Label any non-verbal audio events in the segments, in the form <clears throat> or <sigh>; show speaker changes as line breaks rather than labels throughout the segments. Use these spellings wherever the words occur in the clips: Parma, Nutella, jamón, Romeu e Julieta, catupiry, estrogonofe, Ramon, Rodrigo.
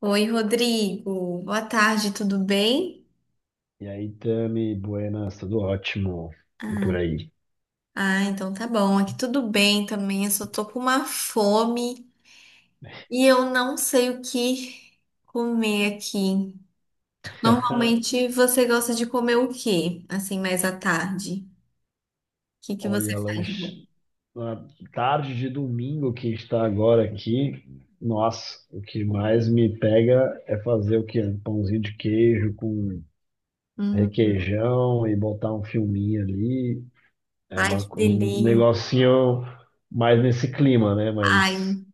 Oi, Rodrigo. Boa tarde, tudo bem?
E aí, Tami, buenas, tudo ótimo. E por
Ah,
aí.
então tá bom. Aqui tudo bem também. Eu só tô com uma fome e eu não sei o que comer aqui.
<laughs>
Normalmente você gosta de comer o quê? Assim, mais à tarde. O que que você
Olha,
faz de bom?
lanche. Na tarde de domingo que está agora aqui, nossa, o que mais me pega é fazer o quê? Um pãozinho de queijo com
Hum,
requeijão e botar um filminho ali. É
ai, que
um
delícia.
negocinho mais nesse clima, né? Mas,
Ai,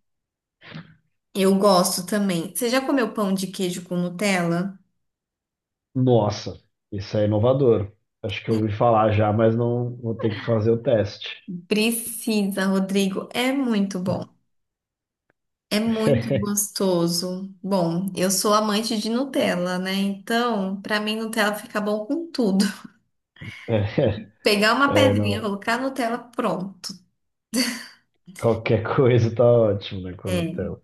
eu gosto também. Você já comeu pão de queijo com Nutella?
nossa, isso é inovador. Acho que eu ouvi falar já, mas não vou ter que fazer o teste.
Precisa, Rodrigo. É muito bom. É muito
<laughs>
gostoso. Bom, eu sou amante de Nutella, né? Então, pra mim, Nutella fica bom com tudo. <laughs> Pegar uma
É,
pedrinha,
não.
colocar Nutella, pronto.
Qualquer <laughs> coisa tá ótimo, né, com
É.
Nutella.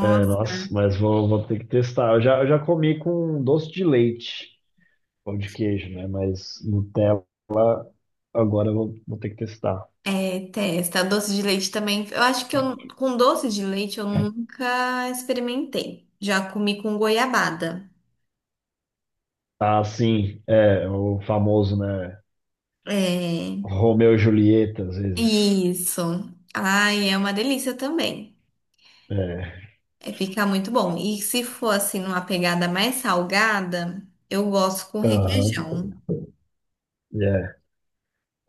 É, nossa, mas vou ter que testar. Eu já comi com doce de leite, pão de queijo, né? Mas Nutella, agora eu vou ter que testar.
é, testa. Doce de leite também. Eu acho que eu, com doce de leite eu nunca experimentei. Já comi com goiabada.
Ah, sim, é o famoso, né?
É.
Romeu e Julieta, às vezes.
Isso. Ai, é uma delícia também.
É,
É, fica muito bom. E se for assim, numa pegada mais salgada, eu gosto com
aham,
requeijão.
é.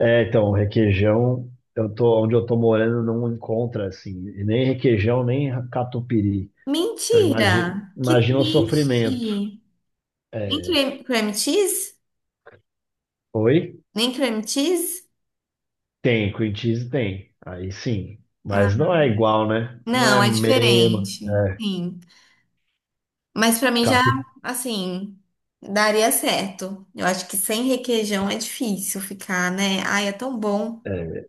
É, então, requeijão, onde eu tô morando não encontra, assim, nem requeijão, nem catupiry. Então,
Mentira! Que
imagina o
triste!
sofrimento.
Nem
É,
creme, creme cheese?
foi?
Nem creme cheese?
Tem, cream cheese tem. Aí sim. Mas
Ah,
não é igual, né? Não
não,
é
é
mesmo.
diferente.
É,
Sim. Mas pra mim já,
catu...
assim, daria certo. Eu acho que sem requeijão é difícil ficar, né? Ai, é tão bom.
é,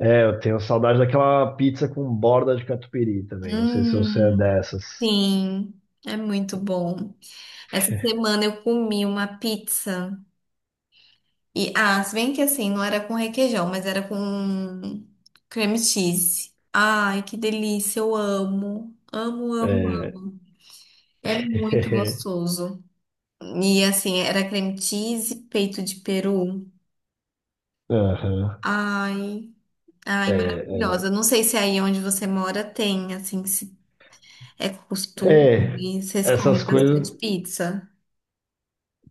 é, eu tenho saudade daquela pizza com borda de catupiry também. Não sei se você é
Hum,
dessas.
sim, é muito bom. Essa semana eu comi uma pizza. E, ah, se bem que assim, não era com requeijão, mas era com creme cheese. Ai, que delícia, eu amo. Amo, amo,
É.
amo. É muito
<laughs>
gostoso. E assim, era creme cheese, peito de peru.
Aham.
Ai, ai,
É, é.
maravilhosa. Não sei se aí onde você mora tem, assim, se é
É,
costume, vocês
essas
comem
coisas
bastante pizza.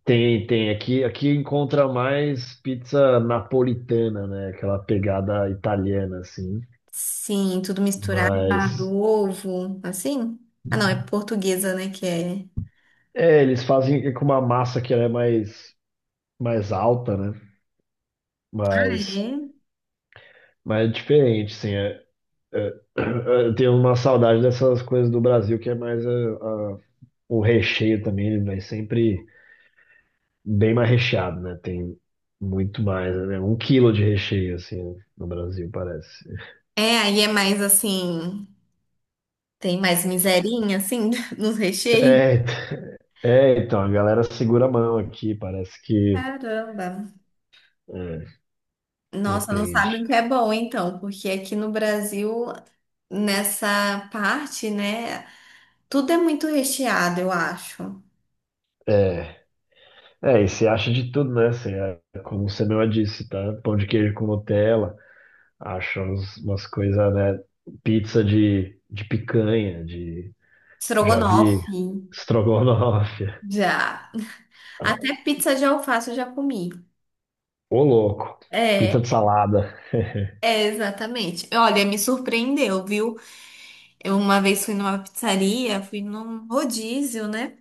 tem, tem. Aqui encontra mais pizza napolitana, né? Aquela pegada italiana, assim.
Sim, tudo misturado,
Mas.
ovo, assim. Ah, não, é portuguesa, né, que é.
É, eles fazem com uma massa que ela é mais alta, né?
Ah,
Mas,
é?
mas é diferente, sim. É, é- <clears throat> eu tenho uma saudade dessas coisas do Brasil, que é mais é, o recheio também, ele vai sempre bem mais recheado, né? Tem muito mais, né? Um quilo de recheio, assim, né? No Brasil, parece.
É, aí é mais assim, tem mais miserinha, assim, <laughs> nos recheios.
É, é, então, a galera segura a mão aqui, parece que.
Caramba.
É,
Nossa, não sabe
depende.
o que é bom, então, porque aqui no Brasil, nessa parte, né, tudo é muito recheado, eu acho.
É. É, e se acha de tudo, né? Você, é, como você mesmo disse, tá? Pão de queijo com Nutella, acha umas coisas, né? Pizza de picanha. Já
Estrogonofe,
vi estrogonofe. <laughs>
já.
Ah,
Até pizza de alface eu já comi.
ô louco. Pizza
É,
de salada. <laughs>
exatamente. Olha, me surpreendeu, viu? Eu uma vez fui numa pizzaria, fui num rodízio, né?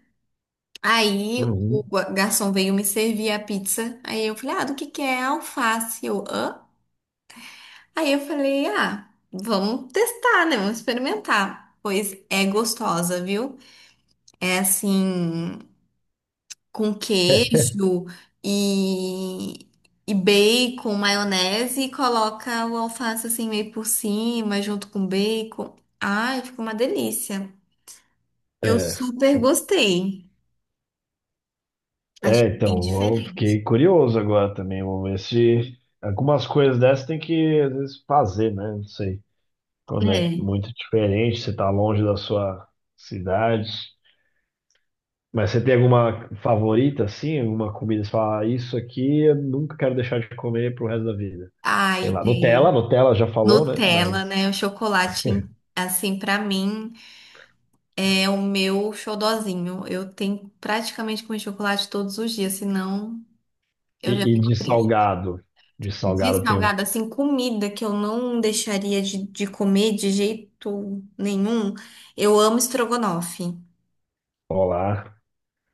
Aí o
Uhum.
garçom veio me servir a pizza. Aí eu falei, ah, do que é alface? Eu, hã? Aí eu falei, ah, vamos testar, né? Vamos experimentar. Pois é gostosa, viu? É assim, com
É,
queijo e, e bacon, maionese, e coloca o alface assim meio por cima, junto com bacon. Ai, ficou uma delícia. Eu super gostei. Achei
é,
bem
então, eu
diferente.
fiquei curioso agora também. Vamos ver se algumas coisas dessas tem que, às vezes, fazer, né? Não sei. Quando é
É.
muito diferente, você tá longe da sua cidade. Mas você tem alguma favorita, assim? Alguma comida? Você fala, "Ah, isso aqui eu nunca quero deixar de comer pro resto da vida." Sei
Aí
lá, Nutella,
tem.
Nutella já falou, né? Mas.
Nutella, né? O chocolate, assim, pra mim é o meu xodozinho. Eu tenho praticamente comer chocolate todos os dias, senão eu já
E
fico
de
triste.
salgado? De
De
salgado tem um
salgado, assim, comida que eu não deixaria de comer de jeito nenhum. Eu amo estrogonofe.
polar.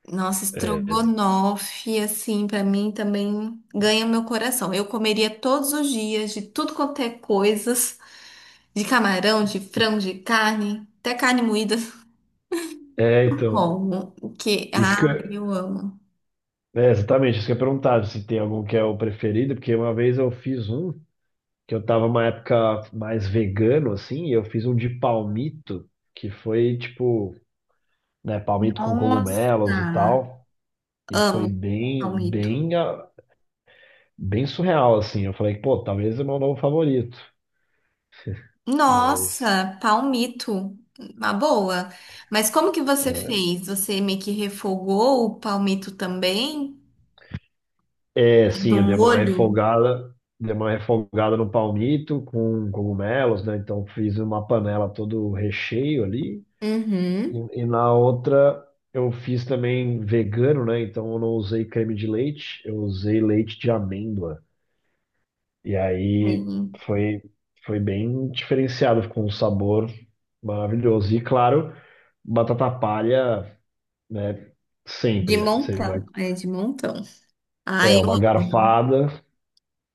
Nossa,
É,
estrogonofe, assim, pra mim também ganha meu coração. Eu comeria todos os dias de tudo quanto é coisas, de camarão, de frango, de carne, até carne moída.
é, então.
Como? Que,
Isso
ah,
que eu-
eu amo.
É, exatamente, isso que eu ia perguntar, se tem algum que é o preferido, porque uma vez eu fiz um, que eu tava uma época mais vegano, assim, e eu fiz um de palmito, que foi tipo, né, palmito com
Nossa,
cogumelos e tal. E foi
amo palmito.
bem surreal, assim. Eu falei, pô, talvez é meu novo favorito. Mas.
Nossa, palmito. Uma boa. Mas como que você fez? Você meio que refogou o palmito também?
É,
Do
sim, eu
molho.
dei uma refogada no palmito com cogumelos, né? Então fiz uma panela todo o recheio ali.
Uhum.
E na outra eu fiz também vegano, né? Então eu não usei creme de leite, eu usei leite de amêndoa. E aí
Sim.
foi, foi bem diferenciado, ficou um sabor maravilhoso. E claro, batata palha, né?
De
Sempre. Você vai,
montão. É, de montão. Ai,
é
eu
uma
amo.
garfada,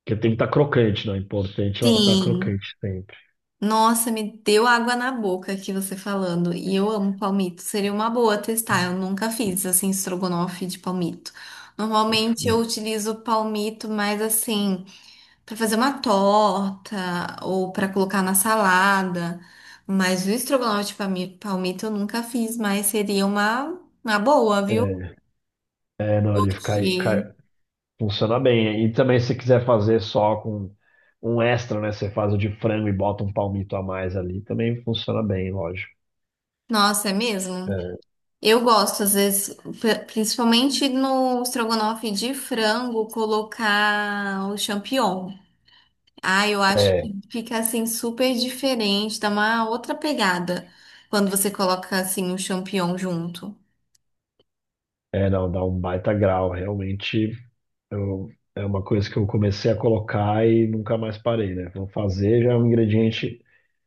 que tem que estar crocante, não é importante é ela estar
Sim.
crocante sempre.
Nossa, me deu água na boca aqui você falando. E eu amo palmito. Seria uma boa testar. Eu nunca fiz assim estrogonofe de palmito. Normalmente eu utilizo palmito mais assim para fazer uma torta ou para colocar na salada. Mas o estrogonofe de palmito eu nunca fiz, mas seria uma boa, viu?
É, é, não, ele
Porque,
funciona bem. E também se você quiser fazer só com um extra, né? Você faz o de frango e bota um palmito a mais ali, também funciona bem, lógico.
nossa, é mesmo? Eu gosto, às vezes, principalmente no estrogonofe de frango, colocar o champignon. Ah, eu acho
É, é,
que fica assim super diferente, dá uma outra pegada quando você coloca assim o champignon junto.
é, não, dá um baita grau, realmente. Eu, é uma coisa que eu comecei a colocar e nunca mais parei, né? Vou fazer já é um ingrediente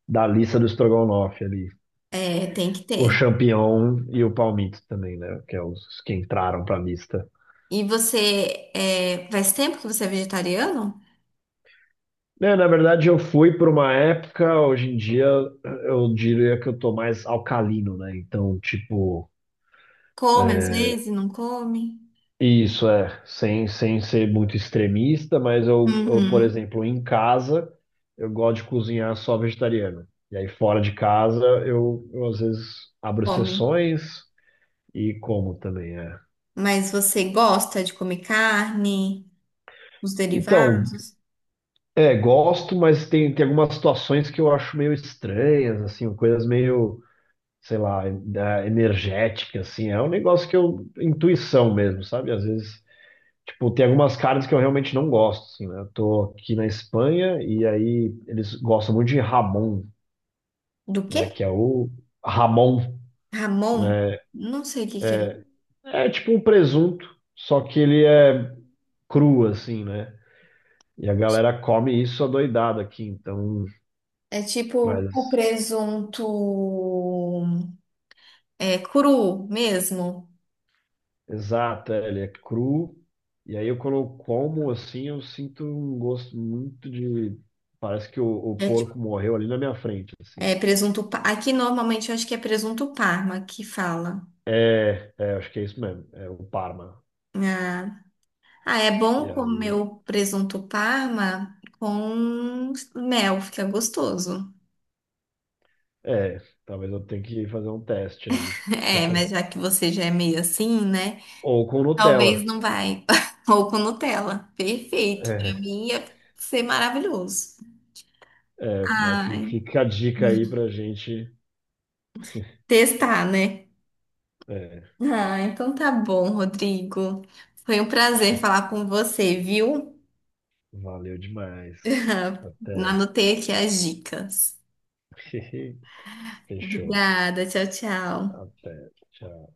da lista do estrogonofe ali.
É, tem que
O
ter.
champignon e o palmito também, né? Que é os que entraram para a lista.
E você, é, faz tempo que você é vegetariano?
Né, na verdade, eu fui por uma época, hoje em dia eu diria que eu tô mais alcalino, né? Então, tipo,
Come às vezes, não come?
isso é, sem ser muito extremista, mas eu, por
Uhum,
exemplo, em casa, eu gosto de cozinhar só vegetariano. E aí fora de casa, eu às vezes abro
come.
sessões e como também, é.
Mas você gosta de comer carne, os
Então,
derivados?
é, gosto, mas tem algumas situações que eu acho meio estranhas, assim, coisas meio, sei lá, energéticas, assim. É um negócio que eu, intuição mesmo, sabe? Às vezes, tipo, tem algumas carnes que eu realmente não gosto, assim, né? Eu tô aqui na Espanha e aí eles gostam muito de jamón,
Do quê?
né? Que é o Ramon,
Ramon?
né?
Não sei o que que é.
É tipo um presunto, só que ele é cru, assim, né? E a galera come isso adoidado aqui, então.
É tipo o
Mas,
presunto é cru mesmo.
exato, é, ele é cru. E aí eu quando eu como, assim, eu sinto um gosto muito de. Parece que o
É, tipo-
porco morreu ali na minha frente, assim.
é presunto. Pa- aqui normalmente eu acho que é presunto Parma que fala.
É, é, acho que é isso mesmo, é o Parma.
Ah, ah, é bom comer o presunto Parma com mel, fica gostoso.
É, talvez eu tenha que fazer um teste aí.
<laughs> É, mas
<laughs>
já que você já é meio assim, né?
Ou com
Talvez
Nutella.
não vai. <laughs> Ou com Nutella. Perfeito. Pra
É,
mim ia ser maravilhoso.
é, mas
Ai.
fica a dica aí pra gente.
Testar, né?
É,
Ah, então tá bom, Rodrigo. Foi um prazer falar com você, viu?
valeu demais.
<laughs>
Até.
Anotei aqui as dicas.
<laughs> Fechou.
Obrigada, tchau, tchau.
Até. Tchau.